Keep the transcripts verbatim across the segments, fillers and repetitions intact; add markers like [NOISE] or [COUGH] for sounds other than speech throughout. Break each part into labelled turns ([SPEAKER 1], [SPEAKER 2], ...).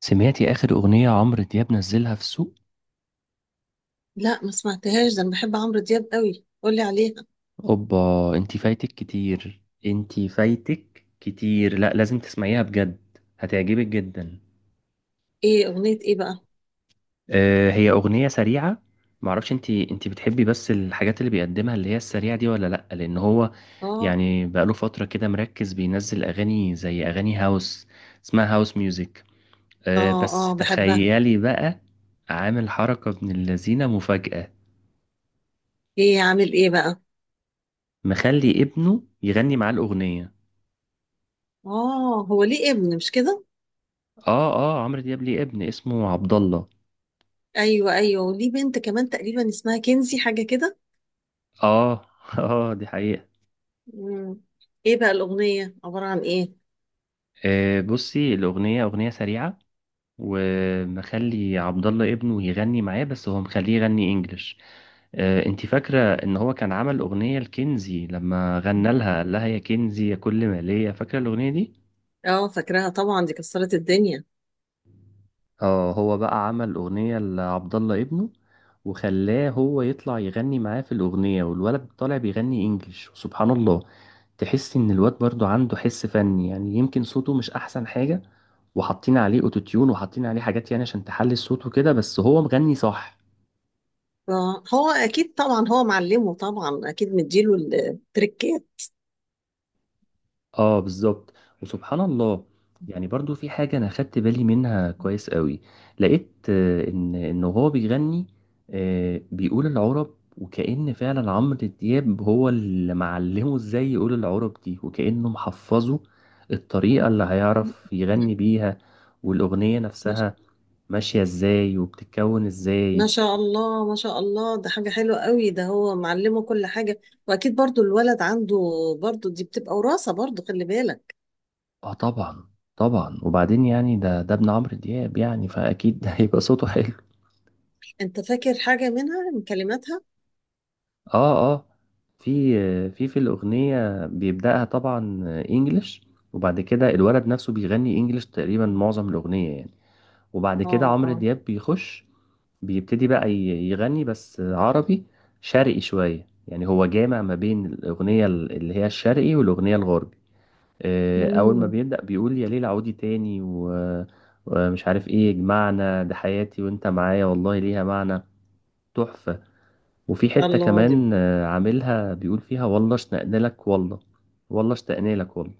[SPEAKER 1] سمعتي آخر أغنية عمرو دياب نزلها في السوق؟
[SPEAKER 2] لا، ما سمعتهاش. ده انا بحب عمرو دياب قوي، قولي عليها.
[SPEAKER 1] أوبا، أنتي فايتك كتير، أنتي فايتك كتير. لا، لازم تسمعيها بجد، هتعجبك جدا.
[SPEAKER 2] ايه اغنية ايه بقى؟
[SPEAKER 1] أه، هي أغنية سريعة. معرفش أنتي أنتي بتحبي بس الحاجات اللي بيقدمها اللي هي السريعة دي ولا لأ، لأن هو
[SPEAKER 2] اه،
[SPEAKER 1] يعني بقاله فترة كده مركز بينزل أغاني زي أغاني هاوس، اسمها هاوس ميوزك.
[SPEAKER 2] اه،
[SPEAKER 1] أه بس
[SPEAKER 2] اه، بحبها.
[SPEAKER 1] تخيلي بقى، عامل حركة ابن اللذينة مفاجأة،
[SPEAKER 2] ايه عامل ايه بقى؟
[SPEAKER 1] مخلي ابنه يغني معاه الأغنية.
[SPEAKER 2] اه، هو ليه ابن مش كده؟
[SPEAKER 1] اه، اه عمرو دياب ليه ابن اسمه عبد الله.
[SPEAKER 2] ايوه، ايوه، وليه بنت كمان تقريبا اسمها كنزي حاجة كده.
[SPEAKER 1] اه [LAUGHS] اه، دي حقيقة.
[SPEAKER 2] مم. ايه بقى الاغنية عبارة عن ايه؟
[SPEAKER 1] آه بصي، الأغنية أغنية سريعة ومخلي عبد الله ابنه يغني معاه، بس هو مخليه يغني انجلش. آه، انتي فاكرة ان هو كان عمل أغنية لكنزي لما غنى لها قال لها يا كنزي يا كل ما ليا، فاكرة الأغنية دي؟
[SPEAKER 2] اه، فاكراها طبعا، دي كسرت الدنيا.
[SPEAKER 1] اه، هو بقى عمل أغنية لعبد الله ابنه وخلاه هو يطلع يغني معاه في الأغنية، والولد طالع بيغني إنجليش. وسبحان الله، تحس إن الواد برضو عنده حس فني، يعني يمكن صوته مش أحسن حاجة، وحاطين عليه أوتوتيون وحاطين عليه حاجات يعني عشان تحلي الصوت وكده، بس هو مغني صح.
[SPEAKER 2] آه، هو اكيد طبعا، هو معلمه طبعا، اكيد مديله التريكات.
[SPEAKER 1] اه بالظبط، وسبحان الله. يعني برضو في حاجة أنا خدت بالي منها كويس قوي. لقيت آه، إن إن هو بيغني، آه، بيقول العرب، وكأن فعلا عمرو دياب هو اللي معلمه إزاي يقول العرب دي، وكأنه محفظه الطريقة اللي هيعرف يغني بيها والأغنية نفسها
[SPEAKER 2] [LAUGHS]
[SPEAKER 1] ماشية إزاي وبتتكون
[SPEAKER 2] ما
[SPEAKER 1] إزاي.
[SPEAKER 2] شاء الله، ما شاء الله، ده حاجة حلوة قوي، ده هو معلمه كل حاجة. وأكيد برضو الولد عنده، برضو دي بتبقى وراثة، برضو خلي بالك.
[SPEAKER 1] اه طبعا، طبعا. وبعدين يعني ده ده ابن عمرو دياب، يعني فأكيد [LAUGHS] هيبقى صوته حلو.
[SPEAKER 2] أنت فاكر حاجة منها من كلماتها؟
[SPEAKER 1] اه اه، في في في الأغنية بيبدأها طبعا انجلش، وبعد كده الولد نفسه بيغني انجلش تقريبا معظم الأغنية يعني. وبعد
[SPEAKER 2] اه،
[SPEAKER 1] كده عمرو
[SPEAKER 2] اه.
[SPEAKER 1] دياب بيخش، بيبتدي بقى ي- يغني بس عربي، شرقي شوية. يعني هو جامع ما بين الأغنية ال- اللي هي الشرقي والأغنية الغربي. آه، أول ما
[SPEAKER 2] مم.
[SPEAKER 1] بيبدأ بيقول يا ليل عودي تاني و- ومش عارف ايه، يجمعنا ده حياتي وانت معايا والله ليها معنى، تحفة. وفي حتة
[SPEAKER 2] الله، دي
[SPEAKER 1] كمان آه، عاملها بيقول فيها والله اشتقنالك والله، والله اشتقنالك والله.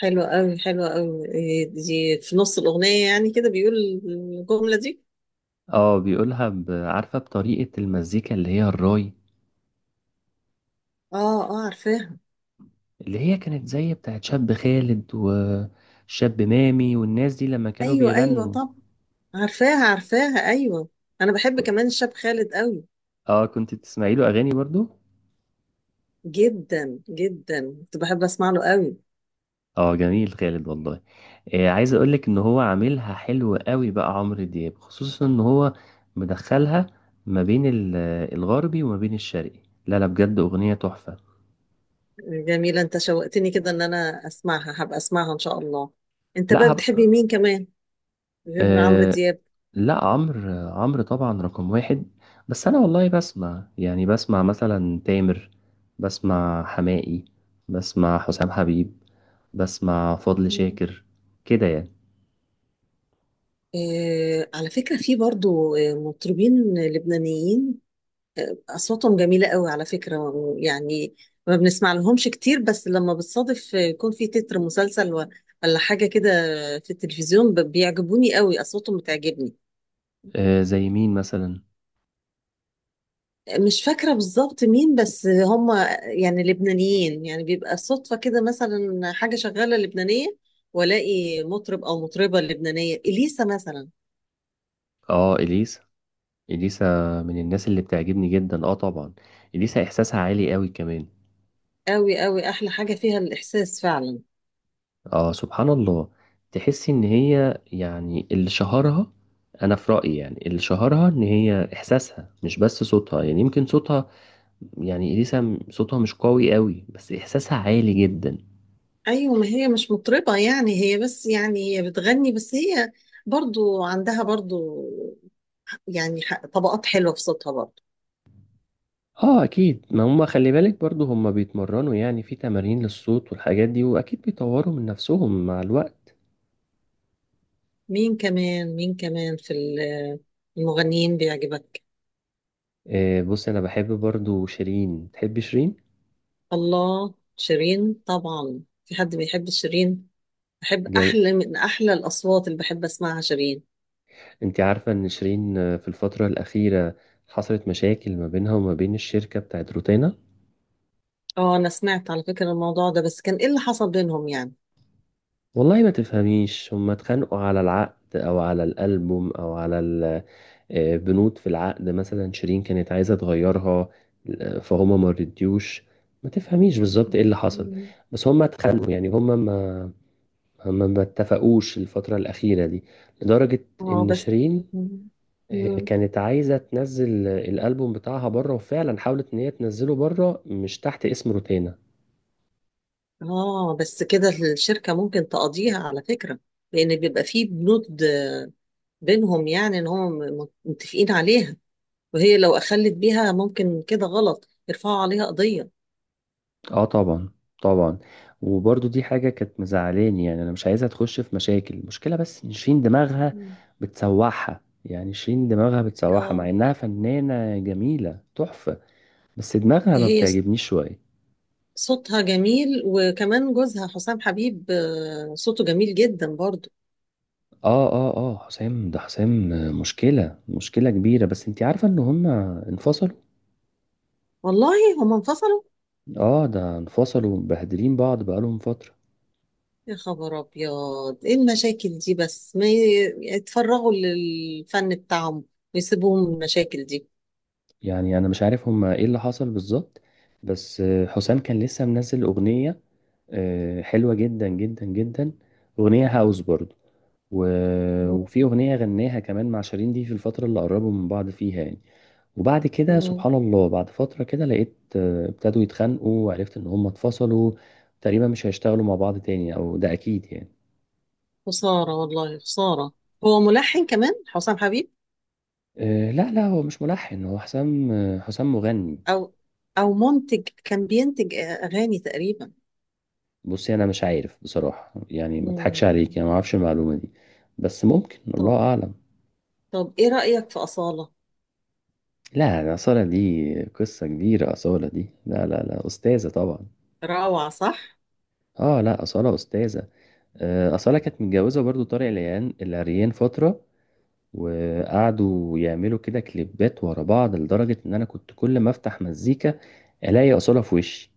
[SPEAKER 2] حلوة قوي، حلوة قوي. إيه دي؟ في نص الأغنية يعني كده بيقول الجملة دي؟
[SPEAKER 1] اه بيقولها ب- عارفة بطريقة المزيكا اللي هي الراي،
[SPEAKER 2] اه، اه، عارفاها.
[SPEAKER 1] اللي هي كانت زي بتاعت شاب خالد وشاب مامي والناس دي لما كانوا
[SPEAKER 2] أيوة، أيوة،
[SPEAKER 1] بيغنوا.
[SPEAKER 2] طب، عارفاها، عارفاها، أيوة. أنا بحب
[SPEAKER 1] ك-
[SPEAKER 2] كمان الشاب خالد قوي.
[SPEAKER 1] اه، كنت بتسمعي له اغاني برضو.
[SPEAKER 2] جدا جدا، كنت بحب أسمع له قوي.
[SPEAKER 1] اه جميل، خالد والله. آه، عايز اقولك ان هو عاملها حلو قوي بقى عمرو دياب، خصوصا ان هو مدخلها ما بين ال- الغربي وما بين الشرقي. لا لا، بجد اغنية تحفة.
[SPEAKER 2] جميلة، انت شوقتني كده ان انا اسمعها، هبقى اسمعها ان شاء الله. انت بقى
[SPEAKER 1] لا
[SPEAKER 2] بتحبي
[SPEAKER 1] هبقى.
[SPEAKER 2] مين كمان غير عمرو
[SPEAKER 1] أه،
[SPEAKER 2] دياب؟
[SPEAKER 1] لا عمرو، عمرو طبعا رقم واحد. بس انا والله بسمع، يعني بسمع مثلا تامر، بسمع حماقي، بسمع حسام حبيب، بسمع فضل
[SPEAKER 2] مم.
[SPEAKER 1] شاكر، كده يعني.
[SPEAKER 2] آه، على فكرة في برضو آه، مطربين لبنانيين اصواتهم جميلة قوي على فكرة. يعني ما بنسمع لهمش كتير، بس لما بتصادف آه، يكون في تتر مسلسل و- ولا حاجة كده في التلفزيون، ب- بيعجبوني قوي، اصواتهم بتعجبني.
[SPEAKER 1] أه زي مين مثلا؟
[SPEAKER 2] مش فاكرة بالظبط مين، بس هم يعني لبنانيين، يعني بيبقى صدفة كده مثلا حاجة شغالة لبنانية، والاقي مطرب او مطربة لبنانية، اليسا مثلا.
[SPEAKER 1] اه اليسا، اليسا من الناس اللي بتعجبني جدا، اه طبعا. اليسا احساسها عالي قوي كمان.
[SPEAKER 2] قوي قوي، احلى حاجة فيها الاحساس فعلا.
[SPEAKER 1] اه سبحان الله، تحسي ان هي يعني اللي شهرها، انا في رأيي يعني اللي شهرها ان هي احساسها مش بس صوتها، يعني يمكن صوتها، يعني اليسا صوتها مش قوي قوي، بس احساسها عالي جدا.
[SPEAKER 2] ايوه، ما هي مش مطربة يعني، هي بس يعني هي بتغني، بس هي برضو عندها برضو يعني ح- طبقات حلوة في صوتها برضو.
[SPEAKER 1] اه اكيد، ما هم خلي بالك برضو هم بيتمرنوا يعني، في تمارين للصوت والحاجات دي، واكيد بيطوروا من نفسهم مع الوقت.
[SPEAKER 2] مين كمان، مين كمان في ال- المغنيين بيعجبك؟
[SPEAKER 1] آه بص، انا بحب برضو شيرين، تحبي شيرين؟
[SPEAKER 2] الله، شيرين طبعا. في حد بيحب شيرين؟ بحب،
[SPEAKER 1] جميل.
[SPEAKER 2] احلى من احلى الاصوات اللي بحب اسمعها شيرين.
[SPEAKER 1] انت عارفة ان شيرين آه، في الفترة الاخيرة حصلت مشاكل ما بينها وما بين الشركة بتاعت روتانا.
[SPEAKER 2] اه، انا سمعت على فكرة الموضوع ده، بس كان ايه اللي حصل بينهم يعني؟
[SPEAKER 1] والله ما تفهميش، هم اتخانقوا على العقد او على الالبوم او على آه، بنود في العقد، مثلا شيرين كانت عايزة تغيرها، آه، فهما ما رضيوش. ما تفهميش بالظبط ايه اللي حصل،
[SPEAKER 2] مم.
[SPEAKER 1] بس هما اتخانقوا. يعني هما ما هما ما اتفقوش الفترة الأخيرة دي، لدرجة
[SPEAKER 2] اه،
[SPEAKER 1] إن
[SPEAKER 2] بس.
[SPEAKER 1] شيرين
[SPEAKER 2] مم.
[SPEAKER 1] آه،
[SPEAKER 2] مم.
[SPEAKER 1] كانت عايزة تنزل الألبوم بتاعها بره، وفعلا حاولت إن هي تنزله بره مش تحت اسم روتانا.
[SPEAKER 2] اه، بس كده الشركة ممكن تقضيها على فكرة، لأن بيبقى فيه بنود بينهم يعني إن هم م- متفقين عليها، وهي لو أخلت بيها ممكن كده غلط يرفعوا عليها قضية.
[SPEAKER 1] اه طبعا، طبعا. وبرضو دي حاجة كانت مزعلاني، يعني انا مش عايزها تخش في مشاكل. المشكلة بس ان شيرين دماغها
[SPEAKER 2] مم.
[SPEAKER 1] بتسوحها، يعني شيرين دماغها بتسوحها مع
[SPEAKER 2] اه،
[SPEAKER 1] انها فنانة جميلة تحفة، بس دماغها ما
[SPEAKER 2] هي ص-
[SPEAKER 1] بتعجبنيش شوية.
[SPEAKER 2] صوتها جميل، وكمان جوزها حسام حبيب آه، صوته جميل جدا برضو.
[SPEAKER 1] اه اه اه، حسام ده، حسام مشكلة، مشكلة كبيرة. بس انتي عارفة ان هما انفصلوا؟
[SPEAKER 2] والله، هم انفصلوا؟
[SPEAKER 1] اه ده انفصلوا مبهدلين بعض بقالهم فترة.
[SPEAKER 2] يا خبر ابيض، ايه المشاكل دي؟ بس ما ي- يتفرغوا للفن بتاعهم ويسيبوهم من المشاكل دي.
[SPEAKER 1] يعني انا مش عارف هما ايه اللي حصل بالظبط، بس حسام كان لسه منزل اغنية آه، حلوة جدا جدا جدا، أغنية هاوس برضو. و- وفي
[SPEAKER 2] مم.
[SPEAKER 1] أغنية غناها كمان مع شيرين دي في الفترة اللي قربوا من بعض فيها يعني. وبعد كده
[SPEAKER 2] مم.
[SPEAKER 1] سبحان الله، بعد فترة كده لقيت آه، ابتدوا يتخانقوا، وعرفت إن هم اتفصلوا تقريبا، مش هيشتغلوا مع بعض تاني، أو ده أكيد يعني.
[SPEAKER 2] خسارة والله، خسارة. هو ملحن كمان حسام حبيب؟
[SPEAKER 1] آه، لا لا، هو مش ملحن، هو حسام، آه، حسام مغني.
[SPEAKER 2] او او منتج كان بينتج اغاني تقريبا؟
[SPEAKER 1] بصي أنا مش عارف بصراحة، يعني ما أضحكش عليك،
[SPEAKER 2] مم.
[SPEAKER 1] يعني ما أعرفش المعلومة دي، بس ممكن، الله
[SPEAKER 2] طب،
[SPEAKER 1] أعلم.
[SPEAKER 2] طب ايه رأيك في أصالة؟
[SPEAKER 1] لا ده أصالة، دي قصة كبيرة. أصالة دي لا لا لا، أستاذة طبعا.
[SPEAKER 2] روعة، صح؟
[SPEAKER 1] اه لا، أصالة أستاذة. آه، أصالة كانت متجوزة برضو طارق العيان العريان فترة، وقعدوا يعملوا كده كليبات ورا بعض، لدرجة إن أنا كنت كل ما أفتح مزيكا ألاقي أصالة في وشي.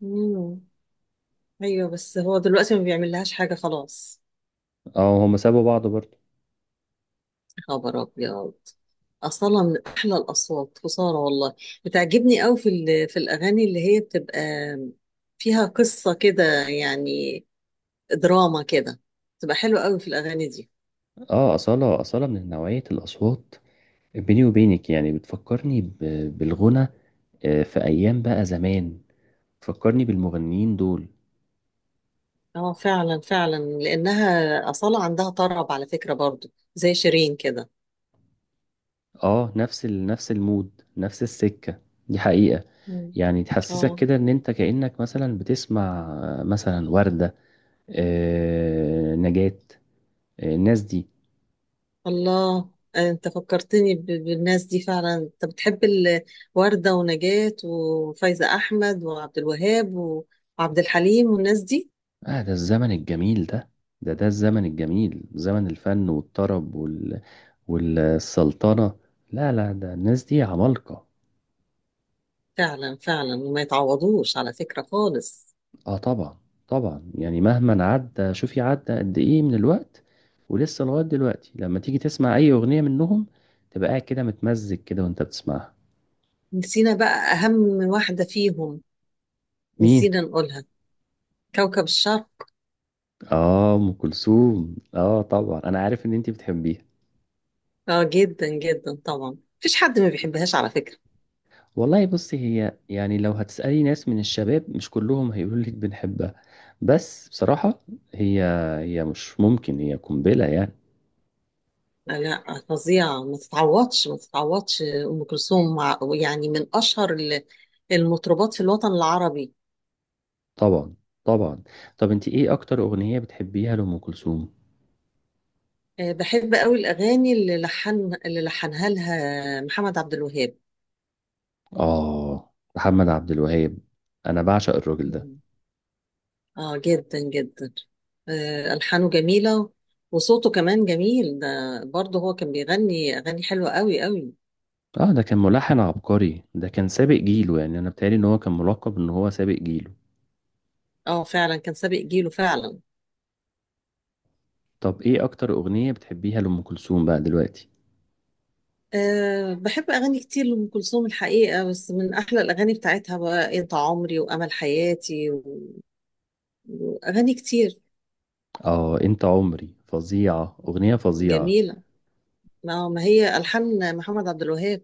[SPEAKER 2] مم. ايوه، بس هو دلوقتي ما بيعمل لهاش حاجة خلاص.
[SPEAKER 1] اه هما سابوا بعض برضو.
[SPEAKER 2] خبر ابيض. اصلا من احلى الاصوات، خساره والله. بتعجبني قوي في ال- في الاغاني اللي هي بتبقى فيها قصه كده يعني، دراما كده، بتبقى حلوه قوي في الاغاني دي.
[SPEAKER 1] اه أصالة، أصالة من نوعية الأصوات. بيني وبينك يعني بتفكرني ب- بالغنى، آه، في أيام بقى زمان، بتفكرني بالمغنيين دول.
[SPEAKER 2] اه، فعلا فعلا، لانها اصاله عندها طرب على فكره، برضو زي شيرين كده.
[SPEAKER 1] اه، نفس ال... نفس المود، نفس السكة، دي حقيقة.
[SPEAKER 2] مم.
[SPEAKER 1] يعني تحسسك
[SPEAKER 2] اه،
[SPEAKER 1] كده ان انت كأنك مثلا بتسمع آه، مثلا وردة، آه، نجاة، آه، الناس دي.
[SPEAKER 2] الله. آه، انت فكرتني ب- بالناس دي فعلا. انت بتحب ال- وردة ونجاة وفايزة احمد وعبد الوهاب وعبد الحليم والناس دي؟
[SPEAKER 1] اه، ده الزمن الجميل ده ده ده الزمن الجميل، زمن الفن والطرب وال... والسلطنة. لا لا، ده الناس دي عمالقة.
[SPEAKER 2] فعلا فعلا، وما يتعوضوش على فكرة خالص.
[SPEAKER 1] اه طبعا، طبعا. يعني مهما عدى، شوفي عدى قد ايه من الوقت، ولسه لغاية دلوقتي لما تيجي تسمع اي اغنية منهم تبقى قاعد كده متمزج كده وانت بتسمعها.
[SPEAKER 2] نسينا بقى أهم واحدة فيهم،
[SPEAKER 1] مين؟
[SPEAKER 2] نسينا نقولها، كوكب الشرق.
[SPEAKER 1] اه، ام كلثوم، اه طبعا انا عارف ان انت بتحبيها.
[SPEAKER 2] اه، جدا جدا طبعا، مفيش حد ما بيحبهاش على فكرة.
[SPEAKER 1] والله بصي، هي يعني لو هتسألي ناس من الشباب مش كلهم هيقولوا لك بنحبها، بس بصراحة هي، هي مش ممكن، هي قنبلة يعني.
[SPEAKER 2] لا، لا، فظيعة، ما تتعوضش، ما تتعوضش أم كلثوم، مع- يعني من أشهر ال- المطربات في الوطن العربي.
[SPEAKER 1] طبعا، طبعا. طب انت ايه اكتر اغنية بتحبيها لأم كلثوم؟
[SPEAKER 2] آه، بحب قوي الأغاني اللي لحن اللي لحنها لها محمد عبد الوهاب.
[SPEAKER 1] آه محمد عبد الوهاب، أنا بعشق الراجل ده.
[SPEAKER 2] اه، جدا جدا. آه، ألحانه جميلة، وصوته كمان جميل ده، برضه هو كان بيغني أغاني حلوة قوي قوي.
[SPEAKER 1] آه ده كان ملحن عبقري، ده كان سابق جيله يعني، أنا بتهيألي إن هو كان ملقب إن هو سابق جيله.
[SPEAKER 2] اه، فعلا كان سابق جيله فعلا.
[SPEAKER 1] طب إيه أكتر أغنية بتحبيها لأم كلثوم بقى دلوقتي؟
[SPEAKER 2] أه، بحب أغاني كتير لأم كلثوم الحقيقة، بس من أحلى الأغاني بتاعتها بقى أنت عمري وأمل حياتي و- وأغاني كتير.
[SPEAKER 1] آه أنت عمري، فظيعة، أغنية فظيعة.
[SPEAKER 2] جميلة، ما ما هي ألحان محمد عبد الوهاب.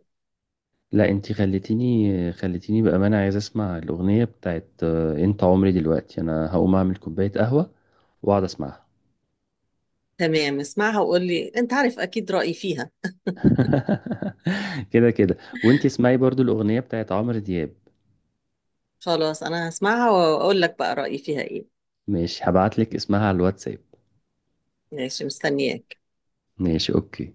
[SPEAKER 1] لا أنت خليتيني، خليتيني بأمانة عايز أسمع الأغنية بتاعت آه، أنت عمري دلوقتي، أنا هقوم أعمل كوباية قهوة وأقعد أسمعها.
[SPEAKER 2] تمام، اسمعها وقول لي، أنت عارف أكيد رأيي فيها.
[SPEAKER 1] [LAUGHS] كده كده، وأنت اسمعي برضو الأغنية بتاعت عمرو دياب.
[SPEAKER 2] خلاص، أنا هسمعها وأقول لك بقى رأيي فيها إيه.
[SPEAKER 1] مش هبعتلك اسمها على الواتساب.
[SPEAKER 2] ماشي، مستنياك.
[SPEAKER 1] ماشي، اوكي.